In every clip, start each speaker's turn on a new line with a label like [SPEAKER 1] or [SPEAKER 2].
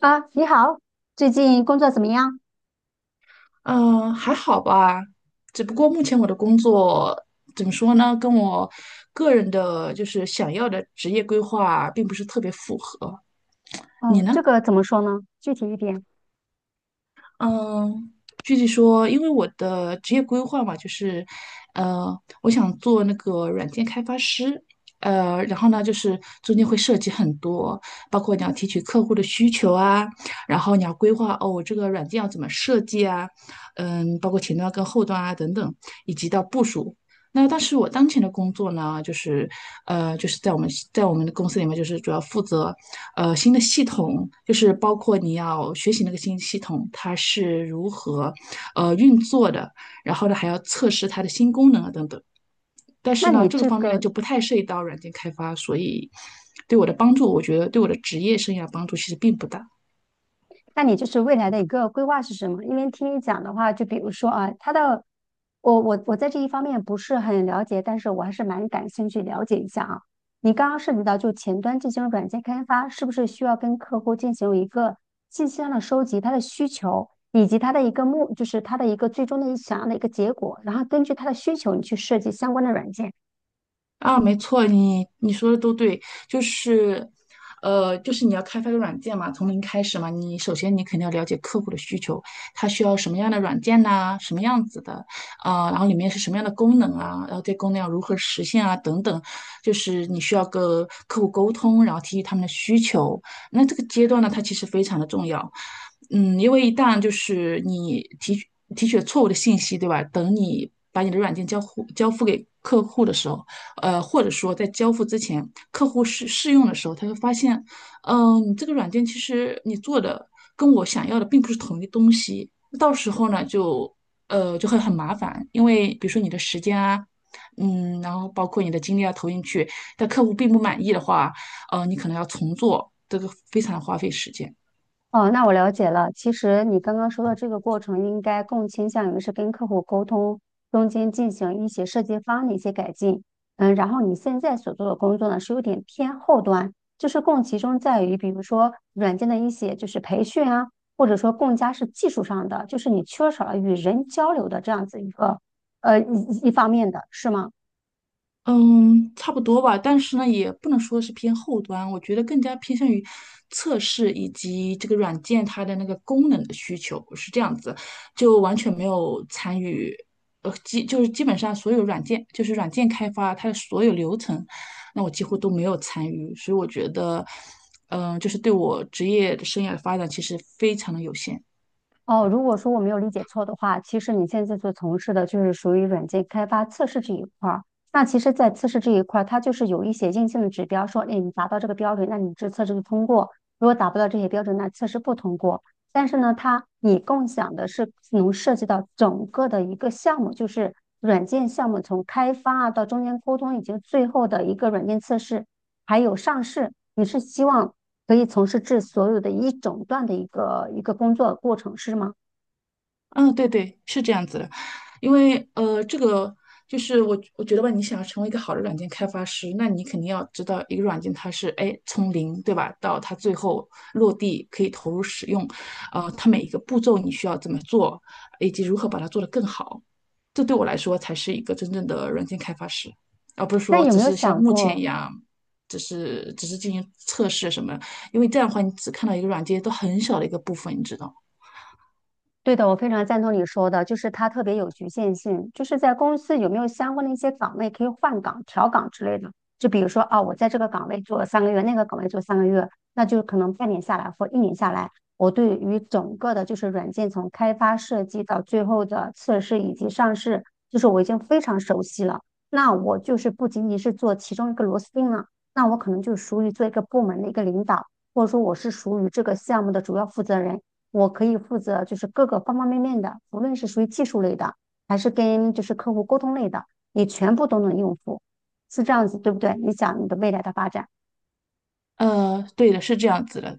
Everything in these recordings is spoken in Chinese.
[SPEAKER 1] 啊，你好，最近工作怎么样？
[SPEAKER 2] 嗯，还好吧，只不过目前我的工作怎么说呢，跟我个人的就是想要的职业规划并不是特别符合。你
[SPEAKER 1] 哦，
[SPEAKER 2] 呢？
[SPEAKER 1] 这个怎么说呢？具体一点。
[SPEAKER 2] 嗯，具体说，因为我的职业规划嘛，就是，呃，我想做那个软件开发师，然后呢，就是中间会涉及很多，包括你要提取客户的需求啊，然后你要规划哦，我这个软件要怎么设计啊，包括前端跟后端啊等等，以及到部署。那但是我当前的工作呢，就是就是在我们的公司里面，就是主要负责新的系统，就是包括你要学习那个新系统，它是如何运作的，然后呢还要测试它的新功能啊等等。但
[SPEAKER 1] 那
[SPEAKER 2] 是呢，
[SPEAKER 1] 你
[SPEAKER 2] 这个
[SPEAKER 1] 这
[SPEAKER 2] 方面呢
[SPEAKER 1] 个，
[SPEAKER 2] 就不太涉及到软件开发，所以对我的帮助，我觉得对我的职业生涯帮助其实并不大。
[SPEAKER 1] 那你就是未来的一个规划是什么？因为听你讲的话，就比如说啊，他的，我在这一方面不是很了解，但是我还是蛮感兴趣了解一下啊。你刚刚涉及到就前端进行软件开发，是不是需要跟客户进行一个信息上的收集，他的需求以及他的一个目，就是他的一个最终的想要的一个结果，然后根据他的需求，你去设计相关的软件。
[SPEAKER 2] 啊，没错，你说的都对，就是，就是你要开发个软件嘛，从零开始嘛，你首先你肯定要了解客户的需求，他需要什么样的软件呐、什么样子的，啊、然后里面是什么样的功能啊，然后这功能要如何实现啊，等等，就是你需要跟客户沟通，然后提取他们的需求，那这个阶段呢，它其实非常的重要，因为一旦就是你提取了错误的信息，对吧？等你把你的软件交付给客户的时候。或者说在交付之前，客户试用的时候，他会发现，你这个软件其实你做的跟我想要的并不是同一东西，到时候呢就会很麻烦，因为比如说你的时间啊。然后包括你的精力要投进去，但客户并不满意的话，你可能要重做，这个非常花费时间。
[SPEAKER 1] 哦，那我了解了。其实你刚刚说的这个过程，应该更倾向于是跟客户沟通中间进行一些设计方案的一些改进。嗯，然后你现在所做的工作呢，是有点偏后端，就是更集中在于，比如说软件的一些就是培训啊，或者说更加是技术上的，就是你缺少了与人交流的这样子一个一方面的，是吗？
[SPEAKER 2] 嗯，差不多吧，但是呢，也不能说是偏后端，我觉得更加偏向于测试以及这个软件它的那个功能的需求是这样子，就完全没有参与，呃，基就是基本上所有软件，就是软件开发它的所有流程，那我几乎都没有参与，所以我觉得，就是对我职业生涯的发展其实非常的有限。
[SPEAKER 1] 哦，如果说我没有理解错的话，其实你现在所从事的就是属于软件开发测试这一块儿。那其实，在测试这一块儿，它就是有一些硬性的指标，说，哎，你达到这个标准，那你这测试就通过；如果达不到这些标准，那测试不通过。但是呢，它你共享的是能涉及到整个的一个项目，就是软件项目从开发啊到中间沟通，以及最后的一个软件测试，还有上市。你是希望可以从事至所有的一整段的一个工作过程，是吗？
[SPEAKER 2] 嗯，对对，是这样子的，因为这个就是我觉得吧，你想要成为一个好的软件开发师，那你肯定要知道一个软件它是哎从零对吧，到它最后落地可以投入使用，它每一个步骤你需要怎么做，以及如何把它做得更好，这对我来说才是一个真正的软件开发师，而不是
[SPEAKER 1] 那
[SPEAKER 2] 说
[SPEAKER 1] 有
[SPEAKER 2] 只
[SPEAKER 1] 没有
[SPEAKER 2] 是像
[SPEAKER 1] 想
[SPEAKER 2] 目前
[SPEAKER 1] 过，
[SPEAKER 2] 一样，只是进行测试什么，因为这样的话你只看到一个软件都很小的一个部分，你知道吗
[SPEAKER 1] 对的，我非常赞同你说的，就是它特别有局限性，就是在公司有没有相关的一些岗位可以换岗、调岗之类的。就比如说啊，我在这个岗位做了三个月，那个岗位做三个月，那就可能半年下来或一年下来，我对于整个的就是软件从开发设计到最后的测试以及上市，就是我已经非常熟悉了。那我就是不仅仅是做其中一个螺丝钉了，那我可能就属于做一个部门的一个领导，或者说我是属于这个项目的主要负责人。我可以负责就是各个方方面面的，无论是属于技术类的，还是跟就是客户沟通类的，你全部都能应付，是这样子，对不对？你想你的未来的发展。
[SPEAKER 2] 呃，对的，是这样子的。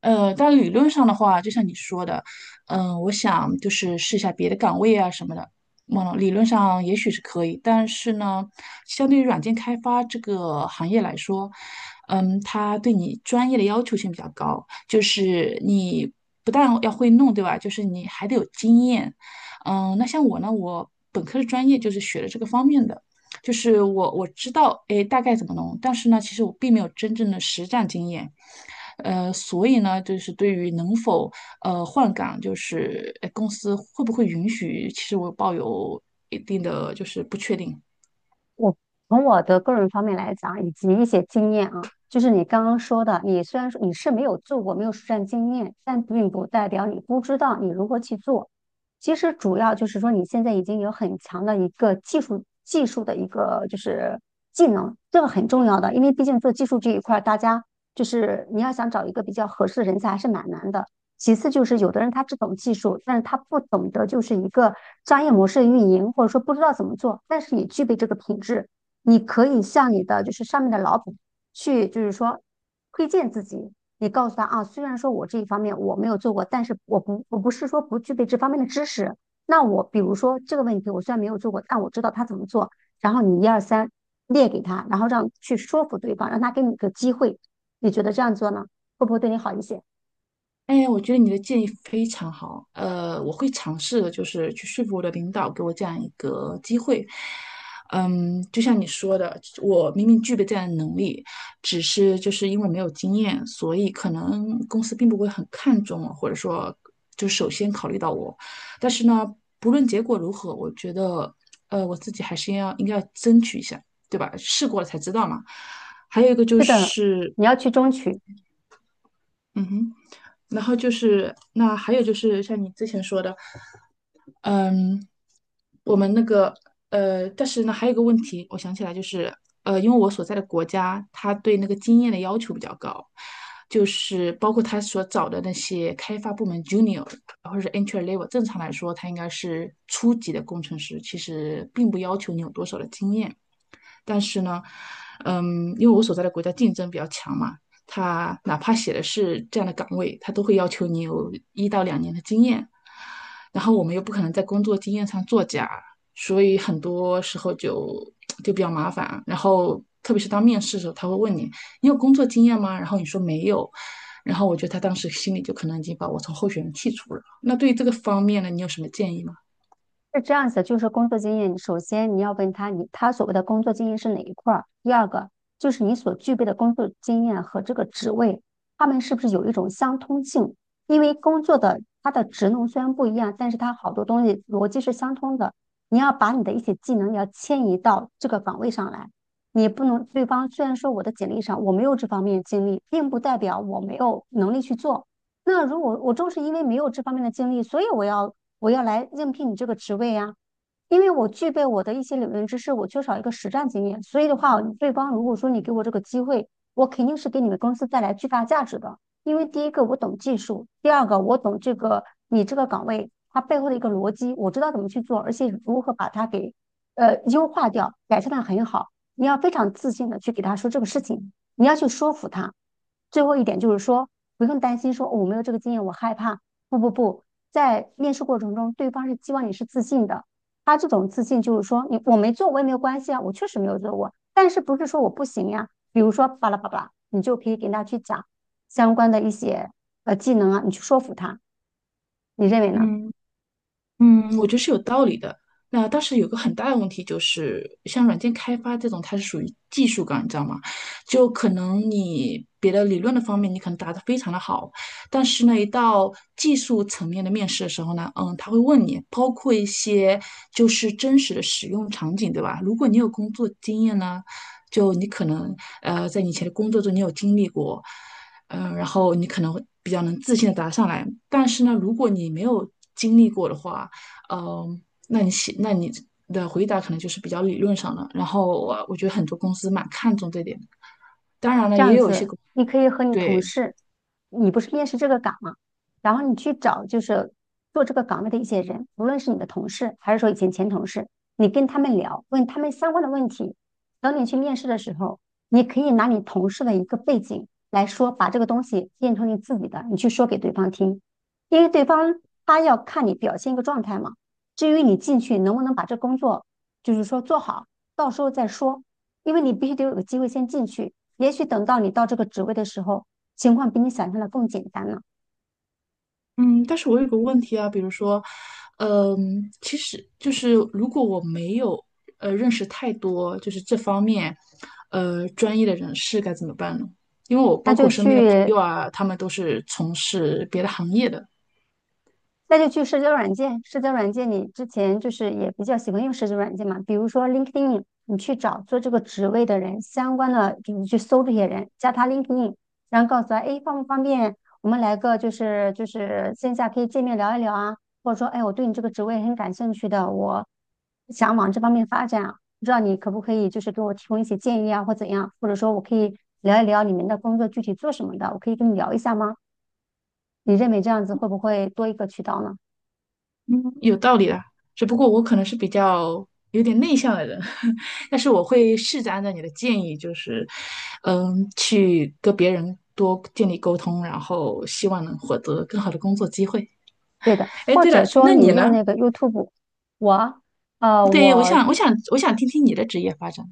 [SPEAKER 2] 但理论上的话，就像你说的，我想就是试一下别的岗位啊什么的。理论上也许是可以，但是呢，相对于软件开发这个行业来说，它对你专业的要求性比较高，就是你不但要会弄，对吧？就是你还得有经验。那像我呢，我本科的专业就是学的这个方面的。就是我知道，哎，大概怎么弄，但是呢，其实我并没有真正的实战经验，所以呢，就是对于能否换岗，就是哎，公司会不会允许，其实我抱有一定的就是不确定。
[SPEAKER 1] 我从我的个人方面来讲，以及一些经验啊，就是你刚刚说的，你虽然说你是没有做过，没有实战经验，但并不代表你不知道你如何去做。其实主要就是说，你现在已经有很强的一个技术的一个就是技能，这个很重要的，因为毕竟做技术这一块儿，大家就是你要想找一个比较合适的人才还是蛮难的。其次就是有的人他只懂技术，但是他不懂得就是一个商业模式的运营，或者说不知道怎么做，但是也具备这个品质。你可以向你的就是上面的老板去，就是说推荐自己，你告诉他啊，虽然说我这一方面我没有做过，但是我不是说不具备这方面的知识。那我比如说这个问题，我虽然没有做过，但我知道他怎么做。然后你一二三列给他，然后让去说服对方，让他给你个机会。你觉得这样做呢，会不会对你好一些？
[SPEAKER 2] 哎，我觉得你的建议非常好，我会尝试的，就是去说服我的领导给我这样一个机会。就像你说的，我明明具备这样的能力，只是就是因为没有经验，所以可能公司并不会很看重我，或者说就首先考虑到我。但是呢，不论结果如何，我觉得，我自己还是要应该要争取一下，对吧？试过了才知道嘛。还有一个就
[SPEAKER 1] 是的，
[SPEAKER 2] 是。
[SPEAKER 1] 你要去争取。
[SPEAKER 2] 嗯哼，然后就是那还有就是像你之前说的，嗯，我们那个呃，但是呢还有一个问题，我想起来就是因为我所在的国家，它对那个经验的要求比较高，就是包括他所找的那些开发部门 junior 或者是 entry level，正常来说它应该是初级的工程师，其实并不要求你有多少的经验。但是呢，因为我所在的国家竞争比较强嘛，他哪怕写的是这样的岗位，他都会要求你有一到两年的经验。然后我们又不可能在工作经验上作假，所以很多时候就比较麻烦。然后特别是当面试的时候，他会问你你有工作经验吗？然后你说没有，然后我觉得他当时心里就可能已经把我从候选人剔除了。那对于这个方面呢，你有什么建议吗？
[SPEAKER 1] 是这样子，就是工作经验，首先你要问他，你他所谓的工作经验是哪一块儿？第二个就是你所具备的工作经验和这个职位，他们是不是有一种相通性？因为工作的它的职能虽然不一样，但是它好多东西逻辑是相通的。你要把你的一些技能要迁移到这个岗位上来，你不能对方虽然说我的简历上我没有这方面的经历，并不代表我没有能力去做。那如果我正是因为没有这方面的经历，所以我要来应聘你这个职位啊。因为我具备我的一些理论知识，我缺少一个实战经验，所以的话，对方如果说你给我这个机会，我肯定是给你们公司带来巨大价值的。因为第一个我懂技术，第二个我懂这个你这个岗位它背后的一个逻辑，我知道怎么去做，而且如何把它给优化掉，改善的很好。你要非常自信的去给他说这个事情，你要去说服他。最后一点就是说，不用担心说、哦我没有这个经验，我害怕。不不不，在面试过程中，对方是希望你是自信的。他这种自信就是说，你我没做我也没有关系啊，我确实没有做过，但是不是说我不行呀？比如说巴拉巴拉，你就可以给他去讲相关的一些技能啊，你去说服他，你认为呢？
[SPEAKER 2] 嗯。我觉得是有道理的。那当时有个很大的问题就是，像软件开发这种，它是属于技术岗，你知道吗？就可能你别的理论的方面，你可能答得非常的好，但是呢，一到技术层面的面试的时候呢，他会问你，包括一些就是真实的使用场景，对吧？如果你有工作经验呢，就你可能在你以前的工作中你有经历过，然后你可能会比较能自信的答上来。但是呢，如果你没有经历过的话，嗯，那你的回答可能就是比较理论上的。然后我觉得很多公司蛮看重这点的。当然了，
[SPEAKER 1] 这
[SPEAKER 2] 也
[SPEAKER 1] 样
[SPEAKER 2] 有
[SPEAKER 1] 子，你可以和你同
[SPEAKER 2] 对，
[SPEAKER 1] 事，你不是面试这个岗嘛，然后你去找就是做这个岗位的一些人，无论是你的同事还是说以前同事，你跟他们聊，问他们相关的问题。等你去面试的时候，你可以拿你同事的一个背景来说，把这个东西变成你自己的，你去说给对方听，因为对方他要看你表现一个状态嘛。至于你进去能不能把这工作，就是说做好，到时候再说，因为你必须得有个机会先进去。也许等到你到这个职位的时候，情况比你想象的更简单了，
[SPEAKER 2] 嗯，但是我有个问题啊，比如说，其实就是如果我没有认识太多就是这方面专业的人士该怎么办呢？因为我
[SPEAKER 1] 那
[SPEAKER 2] 包括
[SPEAKER 1] 就
[SPEAKER 2] 我身边的朋
[SPEAKER 1] 去
[SPEAKER 2] 友啊，他们都是从事别的行业的。
[SPEAKER 1] 那就去社交软件，社交软件你之前就是也比较喜欢用社交软件嘛，比如说 LinkedIn,你去找做这个职位的人相关的，就是去搜这些人，加他 LinkedIn,然后告诉他，哎，方不方便我们来个就是线下可以见面聊一聊啊，或者说，哎，我对你这个职位很感兴趣的，我想往这方面发展啊，不知道你可不可以就是给我提供一些建议啊，或怎样，或者说我可以聊一聊你们的工作具体做什么的，我可以跟你聊一下吗？你认为这样子会不会多一个渠道呢？
[SPEAKER 2] 嗯，有道理啦，只不过我可能是比较有点内向的人，但是我会试着按照你的建议，就是，去跟别人多建立沟通，然后希望能获得更好的工作机会。
[SPEAKER 1] 对的，
[SPEAKER 2] 哎，
[SPEAKER 1] 或
[SPEAKER 2] 对
[SPEAKER 1] 者
[SPEAKER 2] 了，
[SPEAKER 1] 说
[SPEAKER 2] 那
[SPEAKER 1] 你
[SPEAKER 2] 你
[SPEAKER 1] 用
[SPEAKER 2] 呢？
[SPEAKER 1] 那个 YouTube,我呃
[SPEAKER 2] 对，我
[SPEAKER 1] 我
[SPEAKER 2] 想，我想，我想听听你的职业发展。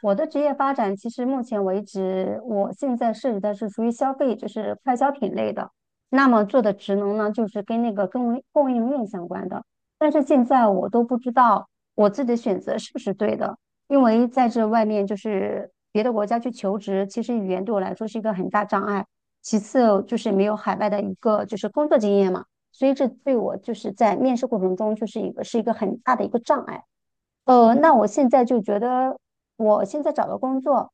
[SPEAKER 1] 我的职业发展，其实目前为止，我现在涉及的是属于消费，就是快消品类的。那么做的职能呢，就是跟那个供应链相关的。但是现在我都不知道我自己的选择是不是对的，因为在这外面就是别的国家去求职，其实语言对我来说是一个很大障碍。其次就是没有海外的一个就是工作经验嘛，所以这对我就是在面试过程中就是一个是一个很大的一个障碍。那
[SPEAKER 2] 嗯，
[SPEAKER 1] 我现在就觉得，我现在找的工作，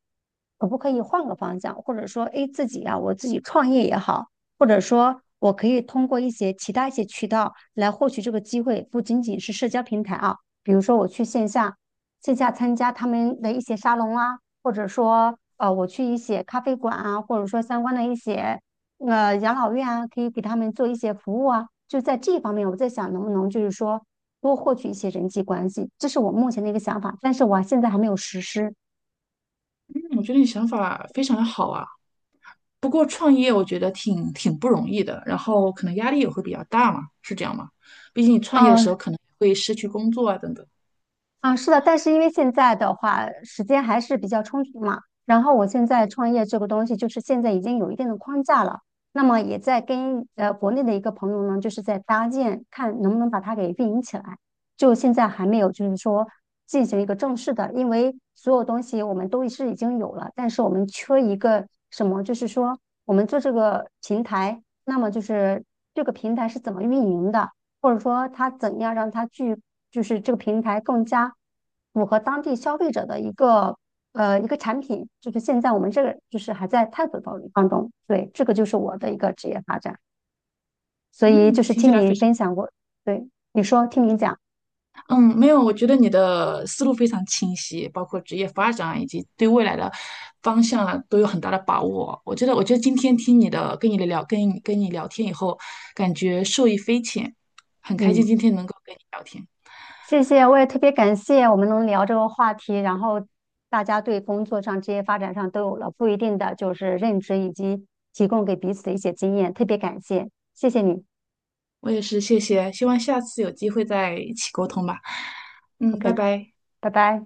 [SPEAKER 1] 可不可以换个方向，或者说，诶，自己呀、我自己创业也好，或者说，我可以通过一些其他一些渠道来获取这个机会，不仅仅是社交平台啊，比如说我去线下，线下参加他们的一些沙龙啊，或者说，我去一些咖啡馆啊，或者说相关的一些养老院啊，可以给他们做一些服务啊，就在这方面，我在想能不能就是说。多获取一些人际关系，这是我目前的一个想法，但是我现在还没有实施。
[SPEAKER 2] 我觉得你想法非常的好啊。不过创业我觉得挺不容易的，然后可能压力也会比较大嘛，是这样吗？毕竟你创业的时
[SPEAKER 1] 哦，
[SPEAKER 2] 候可能会失去工作啊等等。
[SPEAKER 1] 啊，是的，但是因为现在的话，时间还是比较充足嘛。然后我现在创业这个东西，就是现在已经有一定的框架了。那么也在跟国内的一个朋友呢，就是在搭建，看能不能把它给运营起来。就现在还没有，就是说进行一个正式的，因为所有东西我们都是已经有了，但是我们缺一个什么，就是说我们做这个平台，那么就是这个平台是怎么运营的？或者说他怎样让他去，就是这个平台更加符合当地消费者的一个一个产品，就是现在我们这个就是还在探索当中。对，这个就是我的一个职业发展，所以就
[SPEAKER 2] 嗯，
[SPEAKER 1] 是
[SPEAKER 2] 听起
[SPEAKER 1] 听
[SPEAKER 2] 来
[SPEAKER 1] 你
[SPEAKER 2] 非常。
[SPEAKER 1] 分享过，对，你说，听你讲，
[SPEAKER 2] 嗯，没有，我觉得你的思路非常清晰，包括职业发展以及对未来的方向啊，都有很大的把握。我觉得今天听你的，跟你聊天以后，感觉受益匪浅，很开心
[SPEAKER 1] 嗯，
[SPEAKER 2] 今天能够跟你聊天。
[SPEAKER 1] 谢谢，我也特别感谢我们能聊这个话题，然后大家对工作上、职业发展上都有了不一定的就是认知，以及提供给彼此的一些经验，特别感谢，谢谢你
[SPEAKER 2] 我也是，谢谢，希望下次有机会再一起沟通吧。拜
[SPEAKER 1] ，OK,
[SPEAKER 2] 拜。
[SPEAKER 1] 拜拜。